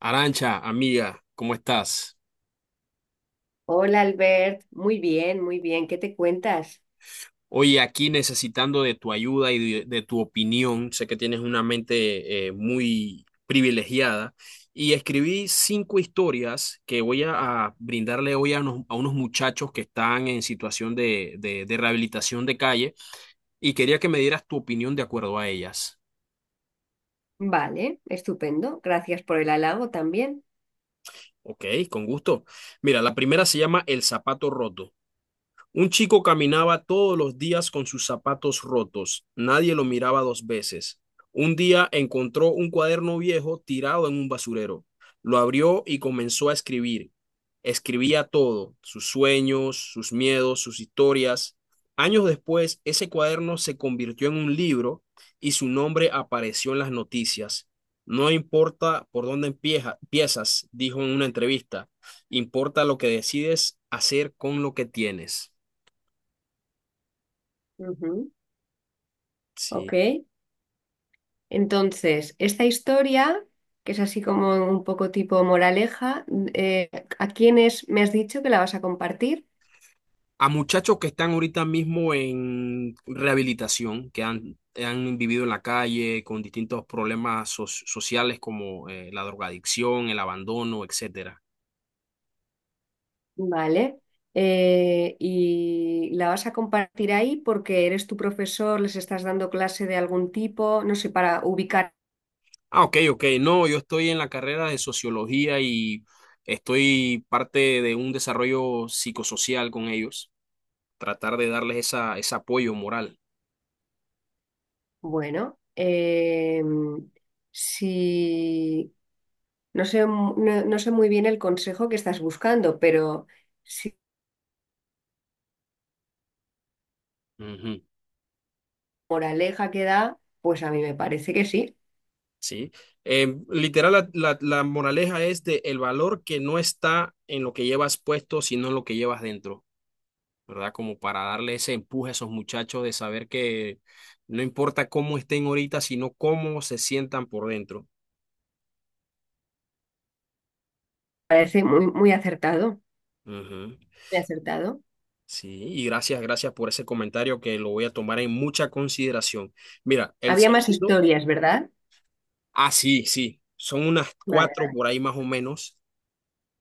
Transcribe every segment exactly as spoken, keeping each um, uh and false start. Arancha, amiga, ¿cómo estás? Hola Albert, muy bien, muy bien, ¿qué te cuentas? Oye, aquí necesitando de tu ayuda y de, de tu opinión, sé que tienes una mente eh, muy privilegiada y escribí cinco historias que voy a, a brindarle hoy a unos, a unos muchachos que están en situación de, de de rehabilitación de calle y quería que me dieras tu opinión de acuerdo a ellas. Vale, estupendo, gracias por el halago también. Ok, con gusto. Mira, la primera se llama El zapato roto. Un chico caminaba todos los días con sus zapatos rotos. Nadie lo miraba dos veces. Un día encontró un cuaderno viejo tirado en un basurero. Lo abrió y comenzó a escribir. Escribía todo, sus sueños, sus miedos, sus historias. Años después, ese cuaderno se convirtió en un libro y su nombre apareció en las noticias. No importa por dónde empieza, empiezas, dijo en una entrevista, importa lo que decides hacer con lo que tienes. Ujú. Sí. Ok, entonces, esta historia, que es así como un poco tipo moraleja, mm, eh, ¿a quiénes me has dicho que la vas a compartir? A muchachos que están ahorita mismo en rehabilitación, que han, han vivido en la calle con distintos problemas so- sociales como eh, la drogadicción, el abandono, etcétera. Vale, eh, y la vas a compartir ahí porque eres tu profesor, les estás dando clase de algún tipo, no sé, para ubicar. Ah, ok, ok. No, yo estoy en la carrera de sociología y estoy parte de un desarrollo psicosocial con ellos, tratar de darles esa, ese apoyo moral. Bueno, eh, si no sé, mu- no, no sé muy bien el consejo que estás buscando, pero si Ujú. moraleja que da, pues a mí me parece que sí. ¿Sí? Eh, literal, la, la- la moraleja es de el valor que no está en lo que llevas puesto, sino en lo que llevas dentro, ¿verdad? Como para darle ese empuje a esos muchachos de saber que no importa cómo estén ahorita, sino cómo se sientan por dentro. Parece muy, muy acertado, Ujú. muy acertado. Sí, y gracias, gracias por ese comentario que lo voy a tomar en mucha consideración. Mira, el Había más segundo, historias, ¿verdad? ah, sí, sí, son unas cuatro Vale. por ahí más o menos.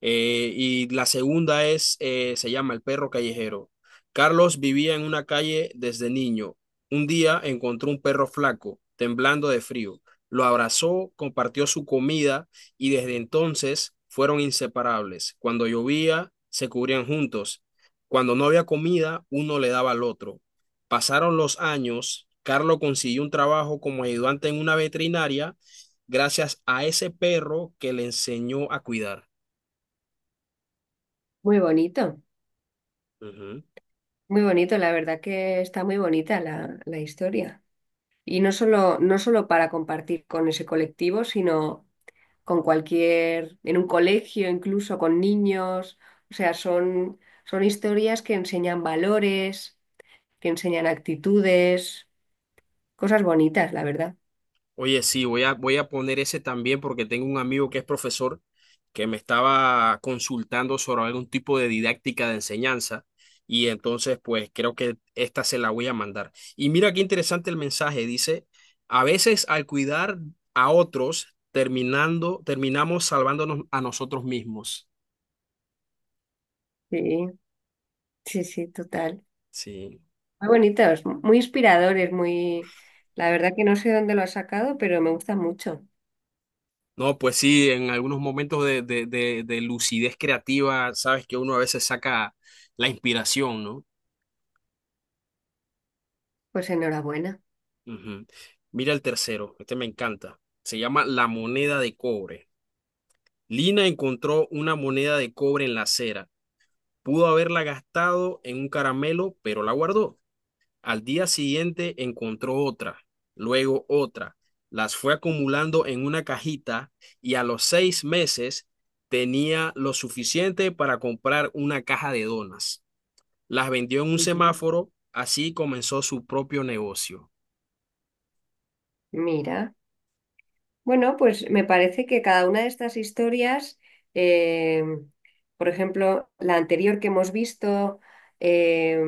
Eh, y la segunda es, eh, se llama El perro callejero. Carlos vivía en una calle desde niño. Un día encontró un perro flaco, temblando de frío. Lo abrazó, compartió su comida y desde entonces fueron inseparables. Cuando llovía, se cubrían juntos. Cuando no había comida, uno le daba al otro. Pasaron los años, Carlos consiguió un trabajo como ayudante en una veterinaria gracias a ese perro que le enseñó a cuidar. Muy bonito, Ujú. muy bonito. La verdad que está muy bonita la, la historia. Y no solo, no solo para compartir con ese colectivo, sino con cualquier, en un colegio, incluso con niños. O sea, son, son historias que enseñan valores, te enseñan actitudes, cosas bonitas, la verdad. Oye, sí, voy a, voy a poner ese también porque tengo un amigo que es profesor que me estaba consultando sobre algún tipo de didáctica de enseñanza y entonces pues creo que esta se la voy a mandar. Y mira qué interesante el mensaje, dice, a veces al cuidar a otros terminando, terminamos salvándonos a nosotros mismos. Sí, sí, sí, total. Sí. Muy bonitos, muy inspiradores, muy... La verdad que no sé dónde lo has sacado, pero me gusta mucho. No, pues sí, en algunos momentos de, de de- de lucidez creativa, sabes que uno a veces saca la inspiración, ¿no? Pues enhorabuena. Ujú. Mira el tercero, este me encanta. Se llama La moneda de cobre. Lina encontró una moneda de cobre en la acera. Pudo haberla gastado en un caramelo, pero la guardó. Al día siguiente encontró otra, luego otra. Las fue acumulando en una cajita y a los seis meses tenía lo suficiente para comprar una caja de donas. Las vendió en un Ujú. semáforo, así comenzó su propio negocio. Mira. Bueno, pues me parece que cada una de estas historias, eh, por ejemplo, la anterior que hemos visto, eh,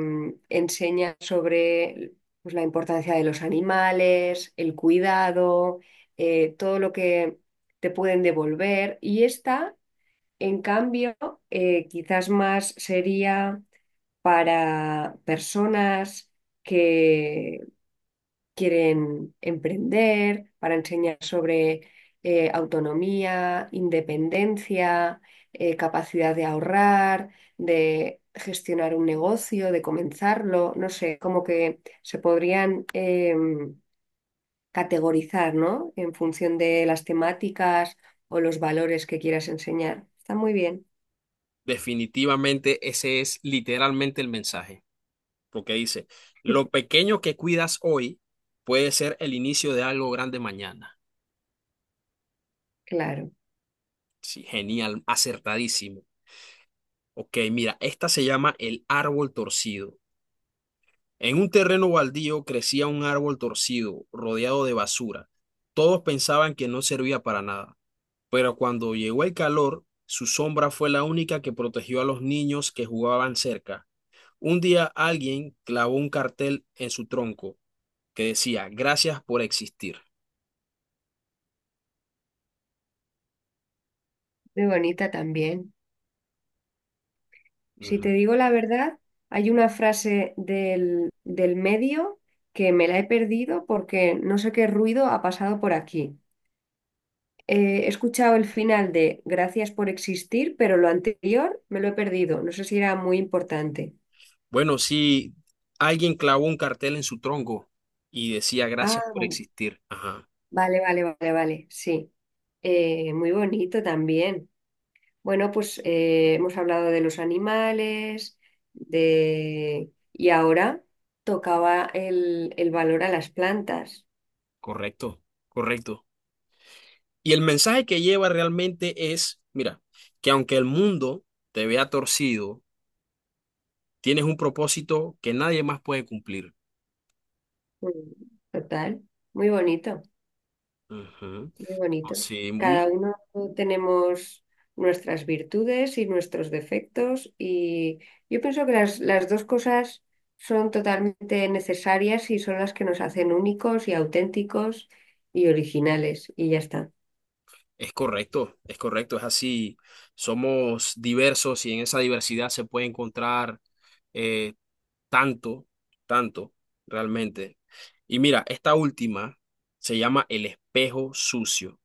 enseña sobre pues, la importancia de los animales, el cuidado, eh, todo lo que te pueden devolver. Y esta, en cambio, eh, quizás más sería para personas quieren emprender, para enseñar sobre eh, autonomía, independencia, eh, capacidad de ahorrar, de gestionar un negocio, de comenzarlo, no sé, como que se podrían em, categorizar, ¿no? En función de las temáticas o los valores que quieras enseñar. Está muy bien. Definitivamente ese es literalmente el mensaje, porque dice, lo pequeño que cuidas hoy puede ser el inicio de algo grande mañana. Claro. Sí, genial, acertadísimo. Ok, mira, esta se llama el árbol torcido. En un terreno baldío crecía un árbol torcido, rodeado de basura. Todos pensaban que no servía para nada, pero cuando llegó el calor, su sombra fue la única que protegió a los niños que jugaban cerca. Un día alguien clavó un cartel en su tronco que decía, gracias por existir. Muy bonita también. Si Ujú. te digo la verdad, hay una frase del, del medio que me la he perdido porque no sé qué ruido ha pasado por aquí. Eh, he escuchado el final de Gracias por existir, pero lo anterior me lo he perdido. No sé si era muy importante. Bueno, sí, alguien clavó un cartel en su tronco y decía, gracias Ah, por existir. Ajá, vale, vale, vale, vale, sí. Eh, muy bonito también. Bueno, pues eh, hemos hablado de los animales, de... Y ahora tocaba el, el valor a las plantas. correcto, correcto. Y el mensaje que lleva realmente es, mira, que aunque el mundo te vea torcido, tienes un propósito que nadie más puede cumplir. Mm, Total, muy bonito, Ujú. muy bonito. Sí. mu- Cada uno tenemos nuestras virtudes y nuestros defectos y yo pienso que las, las dos cosas son totalmente necesarias y son las que nos hacen únicos y auténticos y originales y ya está. Es correcto, es correcto, es así. Somos diversos y en esa diversidad se puede encontrar eh, tanto, tanto, realmente. Y mira, esta última se llama El espejo sucio.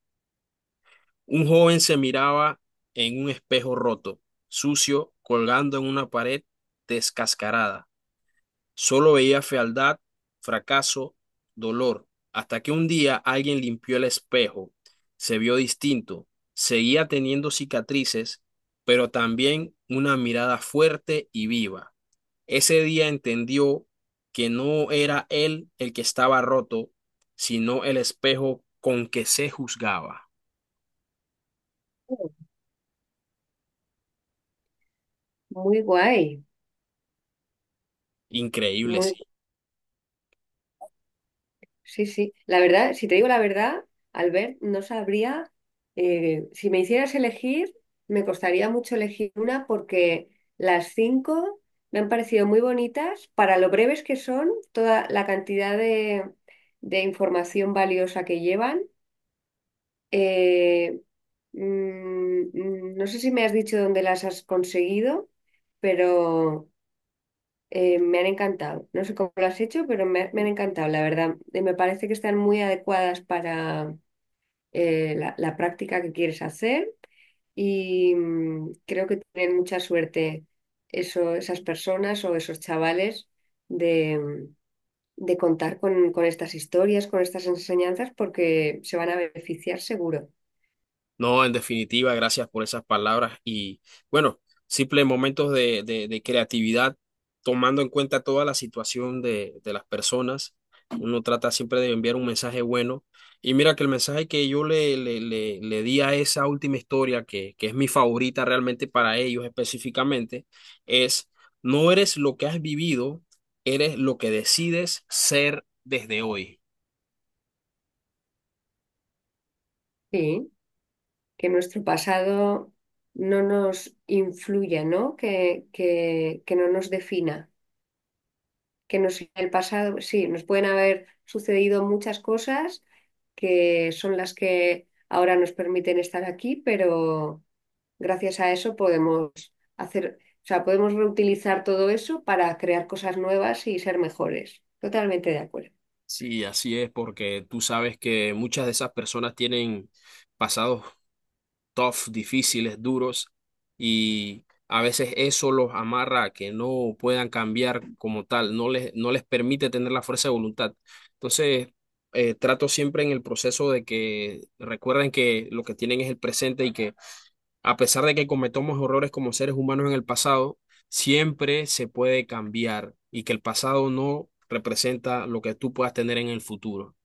Un joven se miraba en un espejo roto, sucio, colgando en una pared descascarada. Solo veía fealdad, fracaso, dolor, hasta que un día alguien limpió el espejo. Se vio distinto. Seguía teniendo cicatrices, pero también una mirada fuerte y viva. Ese día entendió que no era él el que estaba roto, sino el espejo con que se juzgaba. Oh. Muy guay, Increíble, sí. muy sí, sí. La verdad, si te digo la verdad, Albert, no sabría, eh, si me hicieras elegir, me costaría mucho elegir una porque las cinco me han parecido muy bonitas para lo breves que son, toda la cantidad de, de información valiosa que llevan. Eh, mm, mm, no sé si me has dicho dónde las has conseguido, pero... Eh, me han encantado. No sé cómo lo has hecho, pero me, me han encantado, la verdad. Eh, me parece que están muy adecuadas para eh, la, la práctica que quieres hacer y mm, creo que tienen mucha suerte eso, esas personas o esos chavales de, mm, de contar con, con estas historias, con estas enseñanzas, porque se van a beneficiar seguro. No, en definitiva, gracias por esas palabras y bueno, simples momentos de, de- de creatividad, tomando en cuenta toda la situación de, de las personas. Uno trata siempre de enviar un mensaje bueno. Y mira que el mensaje que yo le, le, le, le di a esa última historia, que, que es mi favorita realmente para ellos específicamente, es no eres lo que has vivido, eres lo que decides ser desde hoy. Sí, que nuestro pasado no nos influya, ¿no? Que, que, que no nos defina. que nos, en el pasado, pues sí, nos pueden haber sucedido muchas cosas que son las que ahora nos permiten estar aquí, pero gracias a eso podemos hacer, o sea, podemos reutilizar todo eso para crear cosas nuevas y ser mejores. Totalmente de acuerdo. Sí, así es, porque tú sabes que muchas de esas personas tienen pasados tough, difíciles, duros, y a veces eso los amarra a que no puedan cambiar como tal, no les, no les permite tener la fuerza de voluntad. Entonces, eh, trato siempre en el proceso de que recuerden que lo que tienen es el presente y que a pesar de que cometamos errores como seres humanos en el pasado, siempre se puede cambiar y que el pasado no representa lo que tú puedas tener en el futuro.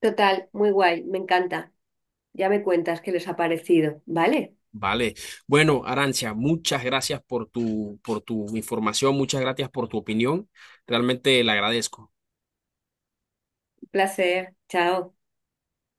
Total, muy guay, me encanta. Ya me cuentas qué les ha parecido. Vale, Vale. Bueno, Arancia, muchas gracias por tu, por tu información, muchas gracias por tu opinión. Realmente la agradezco. un placer. Chao.